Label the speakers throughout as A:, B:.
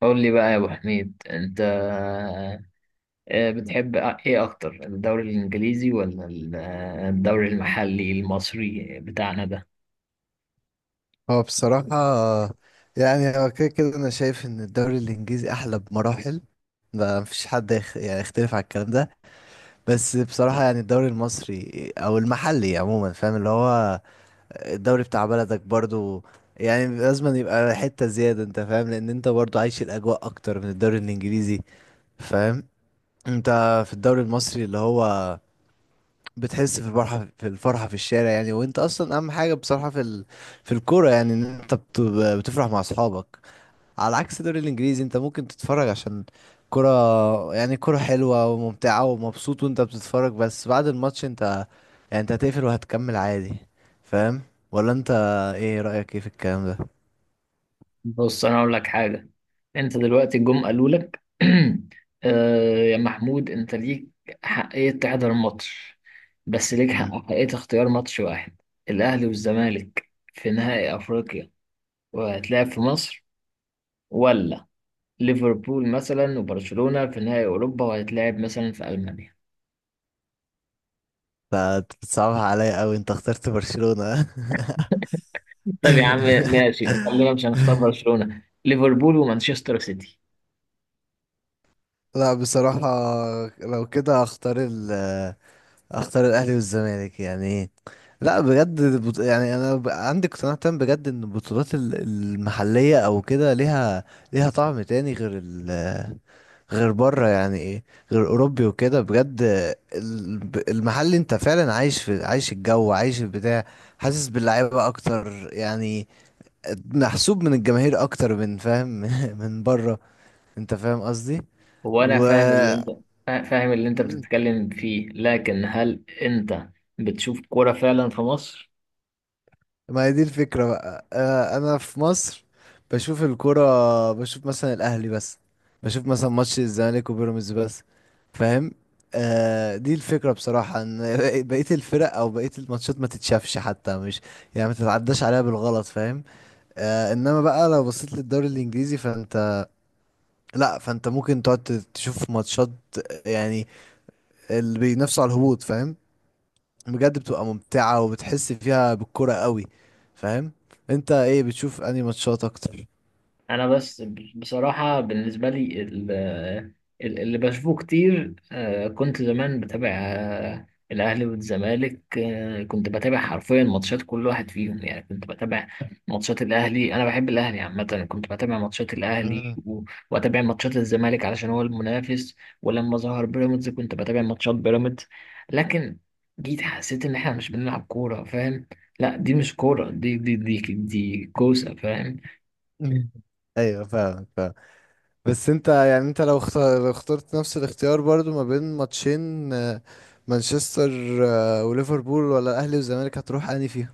A: قول لي بقى يا ابو حميد انت، بتحب ايه اكتر الدوري الانجليزي ولا الدوري المحلي المصري بتاعنا ده؟
B: هو بصراحة يعني هو كده كده أنا شايف إن الدوري الإنجليزي أحلى بمراحل. ما مفيش حد يعني يختلف على الكلام ده. بس بصراحة يعني الدوري المصري أو المحلي عموما، فاهم؟ اللي هو الدوري بتاع بلدك برضو. يعني لازم يبقى حتة زيادة، أنت فاهم، لأن أنت برضو عايش الأجواء أكتر من الدوري الإنجليزي. فاهم؟ أنت في الدوري المصري اللي هو بتحس في الفرحة في الشارع، يعني. وأنت أصلا أهم حاجة بصراحة في الكورة، يعني إن أنت بتفرح مع أصحابك. على عكس الدوري الانجليزي، انت ممكن تتفرج عشان كرة، يعني كرة حلوة وممتعة ومبسوط وانت بتتفرج. بس بعد الماتش انت يعني انت هتقفل وهتكمل عادي. فاهم؟ ولا انت؟ ايه رأيك ايه في الكلام ده؟
A: بص انا اقول لك حاجه. انت دلوقتي جم قالوا لك يا محمود انت ليك حقيه تحضر ماتش، بس ليك حق
B: مم.
A: حقيه اختيار ماتش واحد: الاهلي والزمالك في نهائي افريقيا وهتلعب في مصر، ولا ليفربول مثلا وبرشلونه في نهائي اوروبا وهتلعب مثلا في المانيا؟
B: انت بتصعبها عليا قوي، انت اخترت برشلونة.
A: طيب يا عم، ماشي، خلينا مش هنختار برشلونة، ليفربول ومانشستر سيتي.
B: لا بصراحة، لو كده هختار اختار الاهلي والزمالك، يعني. لا بجد يعني عندي اقتناع تام بجد ان البطولات المحليه او كده، ليها طعم تاني غير غير بره، يعني ايه، غير اوروبي وكده بجد. المحلي انت فعلا عايش عايش الجو، عايش البتاع. حاسس باللعيبه اكتر، يعني محسوب من الجماهير اكتر من، فاهم؟ من بره. انت فاهم قصدي؟
A: هو انا
B: و.
A: فاهم اللي انت فاهم اللي انت
B: مم.
A: بتتكلم فيه، لكن هل انت بتشوف كورة فعلا في مصر؟
B: ما هي دي الفكرة بقى. أنا في مصر بشوف الكرة، بشوف مثلا الأهلي بس، بشوف مثلا ماتش الزمالك وبيراميدز بس. فاهم؟ آه، دي الفكرة بصراحة إن بقية الفرق أو بقية الماتشات ما تتشافش حتى، مش يعني ما تتعداش عليها بالغلط. فاهم؟ آه، إنما بقى لو بصيت للدوري الإنجليزي فأنت، لأ، فأنت ممكن تقعد تشوف ماتشات، يعني اللي بينافسوا على الهبوط. فاهم؟ بجد بتبقى ممتعة وبتحس فيها بالكرة قوي. فاهم؟ انت ايه بتشوف انهي ماتشات اكتر؟
A: انا بس بصراحه بالنسبه لي اللي بشوفه كتير، كنت زمان بتابع الاهلي والزمالك. كنت بتابع حرفيا ماتشات كل واحد فيهم، يعني كنت بتابع ماتشات الاهلي، انا بحب الاهلي عامه. كنت بتابع ماتشات الاهلي
B: مم.
A: واتابع ماتشات الزمالك علشان هو المنافس. ولما ظهر بيراميدز كنت بتابع ماتشات بيراميدز، لكن جيت حسيت ان احنا مش بنلعب كوره، فاهم؟ لا دي مش كوره، دي كوسه، فاهم؟
B: ايوه، فاهم فاهم. بس انت يعني انت لو لو اخترت نفس الاختيار برضو ما بين ماتشين، مانشستر وليفربول، ولا الاهلي والزمالك، هتروح انهي فيهم؟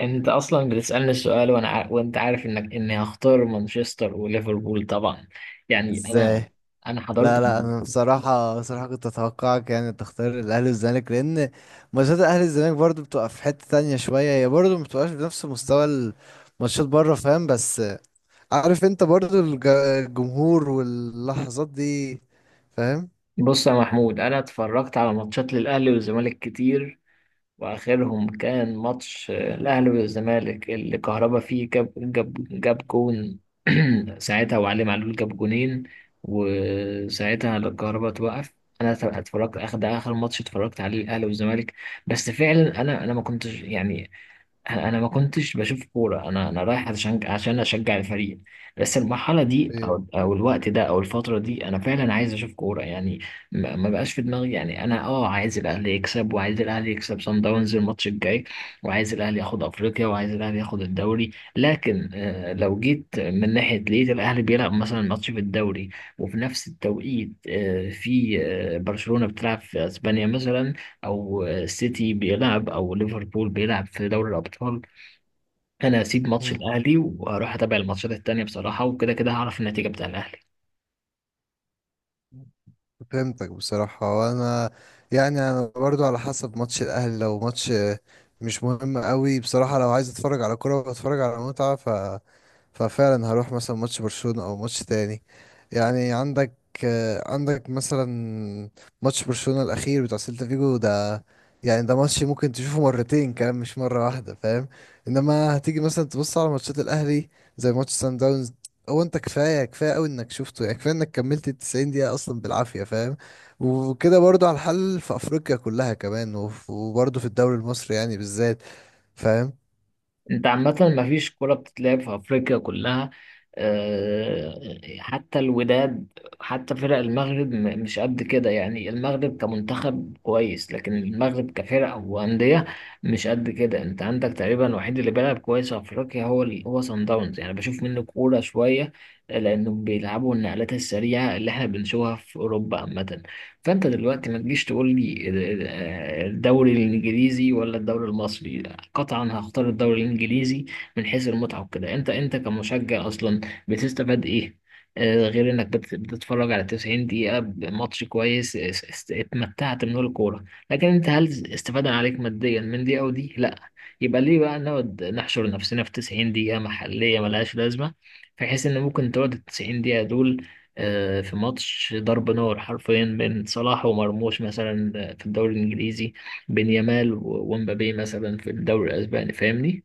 A: انت اصلا بتسالني السؤال وانا وانت عارف انك اني هختار مانشستر وليفربول طبعا. يعني انا
B: ازاي؟
A: انا
B: لا
A: حضرت.
B: لا، انا بصراحه، كنت اتوقعك يعني تختار الاهلي والزمالك، لان ماتشات الاهلي والزمالك برضو بتبقى في حته تانية شويه، هي برضو ما بتبقاش بنفس مستوى الماتشات بره. فاهم؟ بس عارف انت برضو الجمهور واللحظات دي. فاهم؟
A: بص يا محمود، انا اتفرجت على ماتشات للاهلي والزمالك كتير، واخرهم كان ماتش الاهلي والزمالك اللي كهربا فيه جاب جون ساعتها، وعلي معلول جاب جونين، وساعتها الكهربا توقف. انا اتفرجت اخر ماتش اتفرجت عليه الاهلي والزمالك. بس فعلا انا ما كنتش، يعني انا ما كنتش بشوف كوره. انا رايح عشان اشجع الفريق. بس المرحله دي
B: ايه.
A: او الوقت ده او الفتره دي، انا فعلا عايز اشوف كوره يعني. ما بقاش في دماغي. يعني انا عايز الاهلي يكسب، وعايز الاهلي يكسب صن داونز الماتش الجاي، وعايز الاهلي ياخد افريقيا، وعايز الاهلي ياخد الدوري. لكن لو جيت من ناحيه لقيت الاهلي بيلعب مثلا ماتش في الدوري، وفي نفس التوقيت في برشلونه بتلعب في اسبانيا مثلا، او سيتي بيلعب او ليفربول بيلعب في دوري الابطال، انا هسيب ماتش
B: مم.
A: الاهلي واروح اتابع الماتشات التانية بصراحة، وكده كده هعرف النتيجة بتاع الاهلي.
B: فهمتك بصراحة، وانا يعني انا برضو على حسب ماتش الاهلي، لو ماتش مش مهم قوي بصراحة، لو عايز اتفرج على كرة واتفرج على متعة، ففعلا هروح مثلا ماتش برشلونة او ماتش تاني، يعني. عندك مثلا ماتش برشلونة الاخير بتاع سيلتا فيجو ده. يعني ده ماتش ممكن تشوفه مرتين كمان، مش مرة واحدة. فاهم؟ انما هتيجي مثلا تبص على ماتشات الاهلي زي ماتش سان داونز. هو انت كفاية كفاية قوي انك شفته، يعني كفاية انك كملت 90 دقيقة اصلا بالعافية. فاهم؟ وكده برضو على الحل في افريقيا كلها كمان، وبرضو في الدوري المصري، يعني بالذات. فاهم؟
A: انت عامة مفيش كرة بتتلعب في افريقيا كلها، آه، حتى الوداد، حتى فرق المغرب مش قد كده. يعني المغرب كمنتخب كويس، لكن المغرب كفرق وأندية مش قد كده. انت عندك تقريبا الوحيد اللي بيلعب كويس في افريقيا هو هو صن داونز، يعني بشوف منه كورة شوية لانهم بيلعبوا النقلات السريعة اللي احنا بنشوفها في اوروبا عامة. فانت دلوقتي ما تجيش تقول لي الدوري الانجليزي ولا الدوري المصري، قطعا هختار الدوري الانجليزي. من حيث المتعه وكده، انت كمشجع اصلا بتستفاد ايه غير انك بتتفرج على 90 دقيقه بماتش كويس اتمتعت من الكوره؟ لكن انت هل استفاده عليك ماديا من دي او دي؟ لا. يبقى ليه بقى نقعد نحشر نفسنا في 90 دقيقه محليه ملهاش لازمه، بحيث ان ممكن تقعد ال 90 دقيقه دول في ماتش ضرب نار حرفيا بين صلاح ومرموش مثلا في الدوري الإنجليزي، بين يامال ومبابي مثلا في الدوري الأسباني. فاهمني؟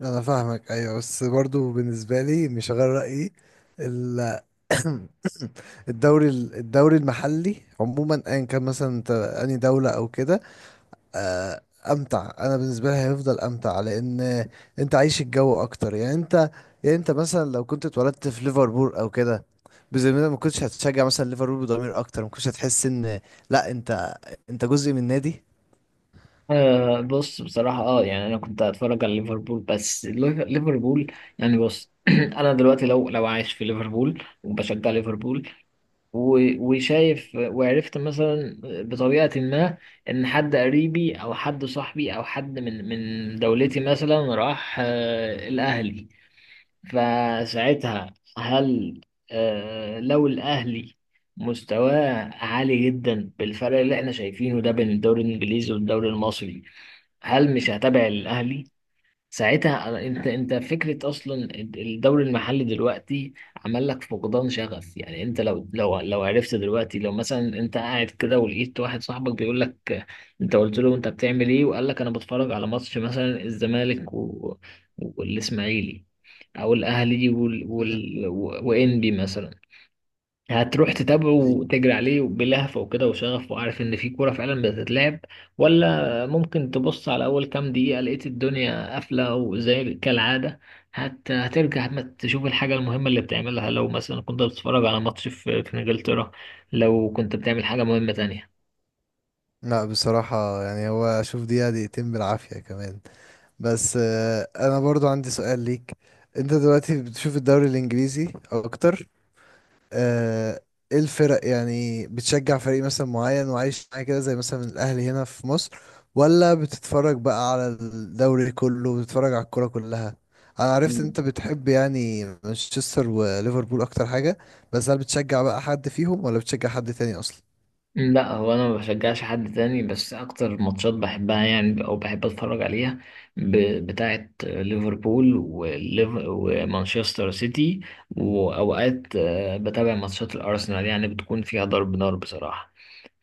B: انا فاهمك، ايوه، بس برضو بالنسبه لي مش غير رايي، ال- الدوري المحلي عموما ايا كان مثلا، انت اني دوله او كده، آه، امتع. انا بالنسبه لي هيفضل امتع، لان انت عايش الجو اكتر، يعني انت. يعني انت مثلا لو كنت اتولدت في ليفربول او كده، بذمتك ما كنتش هتشجع مثلا ليفربول بضمير اكتر، ما كنتش هتحس ان، لا انت، انت جزء من نادي.
A: بص بصراحة يعني أنا كنت هتفرج على ليفربول، بس ليفربول يعني. بص أنا دلوقتي لو عايش في ليفربول وبشجع ليفربول وشايف وعرفت مثلا بطريقة ما إن حد قريبي أو حد صاحبي أو حد من دولتي مثلا راح الأهلي، فساعتها هل لو الأهلي مستواه عالي جدا بالفرق اللي احنا شايفينه ده بين الدوري الإنجليزي والدوري المصري، هل مش هتابع الأهلي ساعتها؟ انت، فكره اصلا الدوري المحلي دلوقتي عمل لك فقدان شغف. يعني انت لو عرفت دلوقتي، لو مثلا انت قاعد كده ولقيت واحد صاحبك بيقول لك، انت قلت له انت بتعمل ايه، وقال لك انا بتفرج على ماتش مثلا الزمالك والاسماعيلي، او الاهلي
B: مم،
A: وانبي مثلا، هتروح تتابعه
B: ايوه.
A: وتجري عليه بلهفة وكده وشغف وعارف ان في كورة فعلا بتتلعب؟ ولا ممكن تبص على اول كام دقيقة لقيت الدنيا قافلة وزي كالعادة، هترجع ما تشوف الحاجة المهمة اللي بتعملها، لو مثلا كنت بتتفرج على ماتش في انجلترا لو كنت بتعمل حاجة مهمة تانية؟
B: لا بصراحه يعني هو اشوف دقيقه دقيقتين بالعافيه كمان. بس انا برضو عندي سؤال ليك. انت دلوقتي بتشوف الدوري الانجليزي اكتر، آه، ايه الفرق؟ يعني بتشجع فريق مثلا معين وعايش معاه كده زي مثلا الاهلي هنا في مصر، ولا بتتفرج بقى على الدوري كله، بتتفرج على الكرة كلها؟ انا عرفت ان انت بتحب يعني مانشستر وليفربول اكتر حاجة. بس هل بتشجع بقى حد فيهم، ولا بتشجع حد تاني اصلا؟
A: لا هو انا ما بشجعش حد تاني، بس اكتر ماتشات بحبها يعني او بحب اتفرج عليها بتاعه ليفربول ومانشستر سيتي. واوقات بتابع ماتشات الارسنال يعني بتكون فيها ضرب نار بصراحه.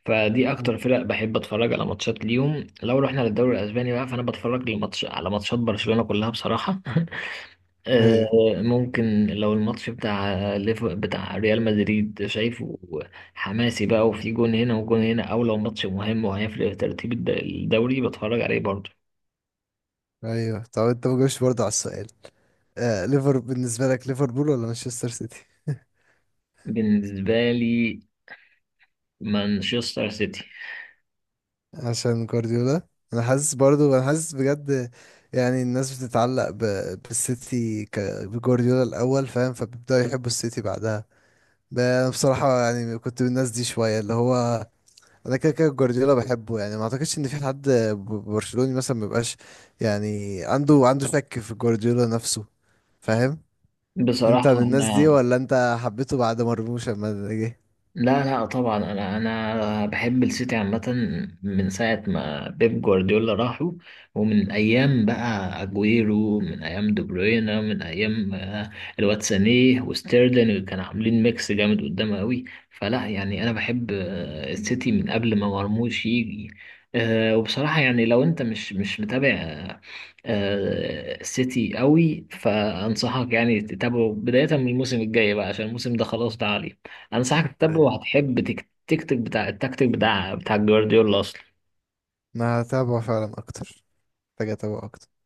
A: فدي
B: مم.
A: اكتر فرق بحب اتفرج على ماتشات ليهم. لو رحنا للدوري الاسباني بقى، فانا بتفرج على ماتشات برشلونه كلها بصراحه
B: ايوه
A: ممكن لو الماتش بتاع بتاع ريال مدريد شايفه حماسي بقى وفي جون هنا وجون هنا، او لو ماتش مهم وهيفرق في ترتيب الدوري بتفرج عليه برضه.
B: ايوه. طب انت ما جاوبتش برضه على السؤال، آه، ليفر بالنسبة لك ليفربول ولا مانشستر سيتي؟
A: بالنسبة لي مانشستر سيتي.
B: عشان جوارديولا. انا حاسس برضو، انا حاسس بجد، يعني الناس بتتعلق بالسيتي بجوارديولا الاول. فاهم؟ فبيبداوا يحبوا السيتي بعدها. انا بصراحه يعني كنت من الناس دي شويه، اللي هو انا كده كده جوارديولا بحبه، يعني ما اعتقدش ان في حد برشلوني مثلا ما يبقاش، يعني عنده شك في جوارديولا نفسه. فاهم؟ انت
A: بصراحة
B: من الناس دي،
A: احنا،
B: ولا انت حبيته بعد مرموش لما جه؟
A: لا لا، طبعا انا بحب السيتي عامه من ساعه ما بيب جوارديولا راحوا، ومن ايام بقى اجويرو، من ايام دي بروينا، من ايام الواد سانيه وستيرلين كانوا عاملين ميكس جامد قدام قوي. فلا يعني انا بحب السيتي من قبل ما مرموش يجي. وبصراحه يعني لو انت مش متابع السيتي قوي، فانصحك يعني تتابعه بدايه من الموسم الجاي بقى، عشان الموسم ده خلاص ده عليه. انصحك تتابعه
B: ايوه،
A: وهتحب التكتيك بتاع جوارديولا اصلا.
B: انا هتابعه فعلا اكتر. محتاج اتابعه اكتر.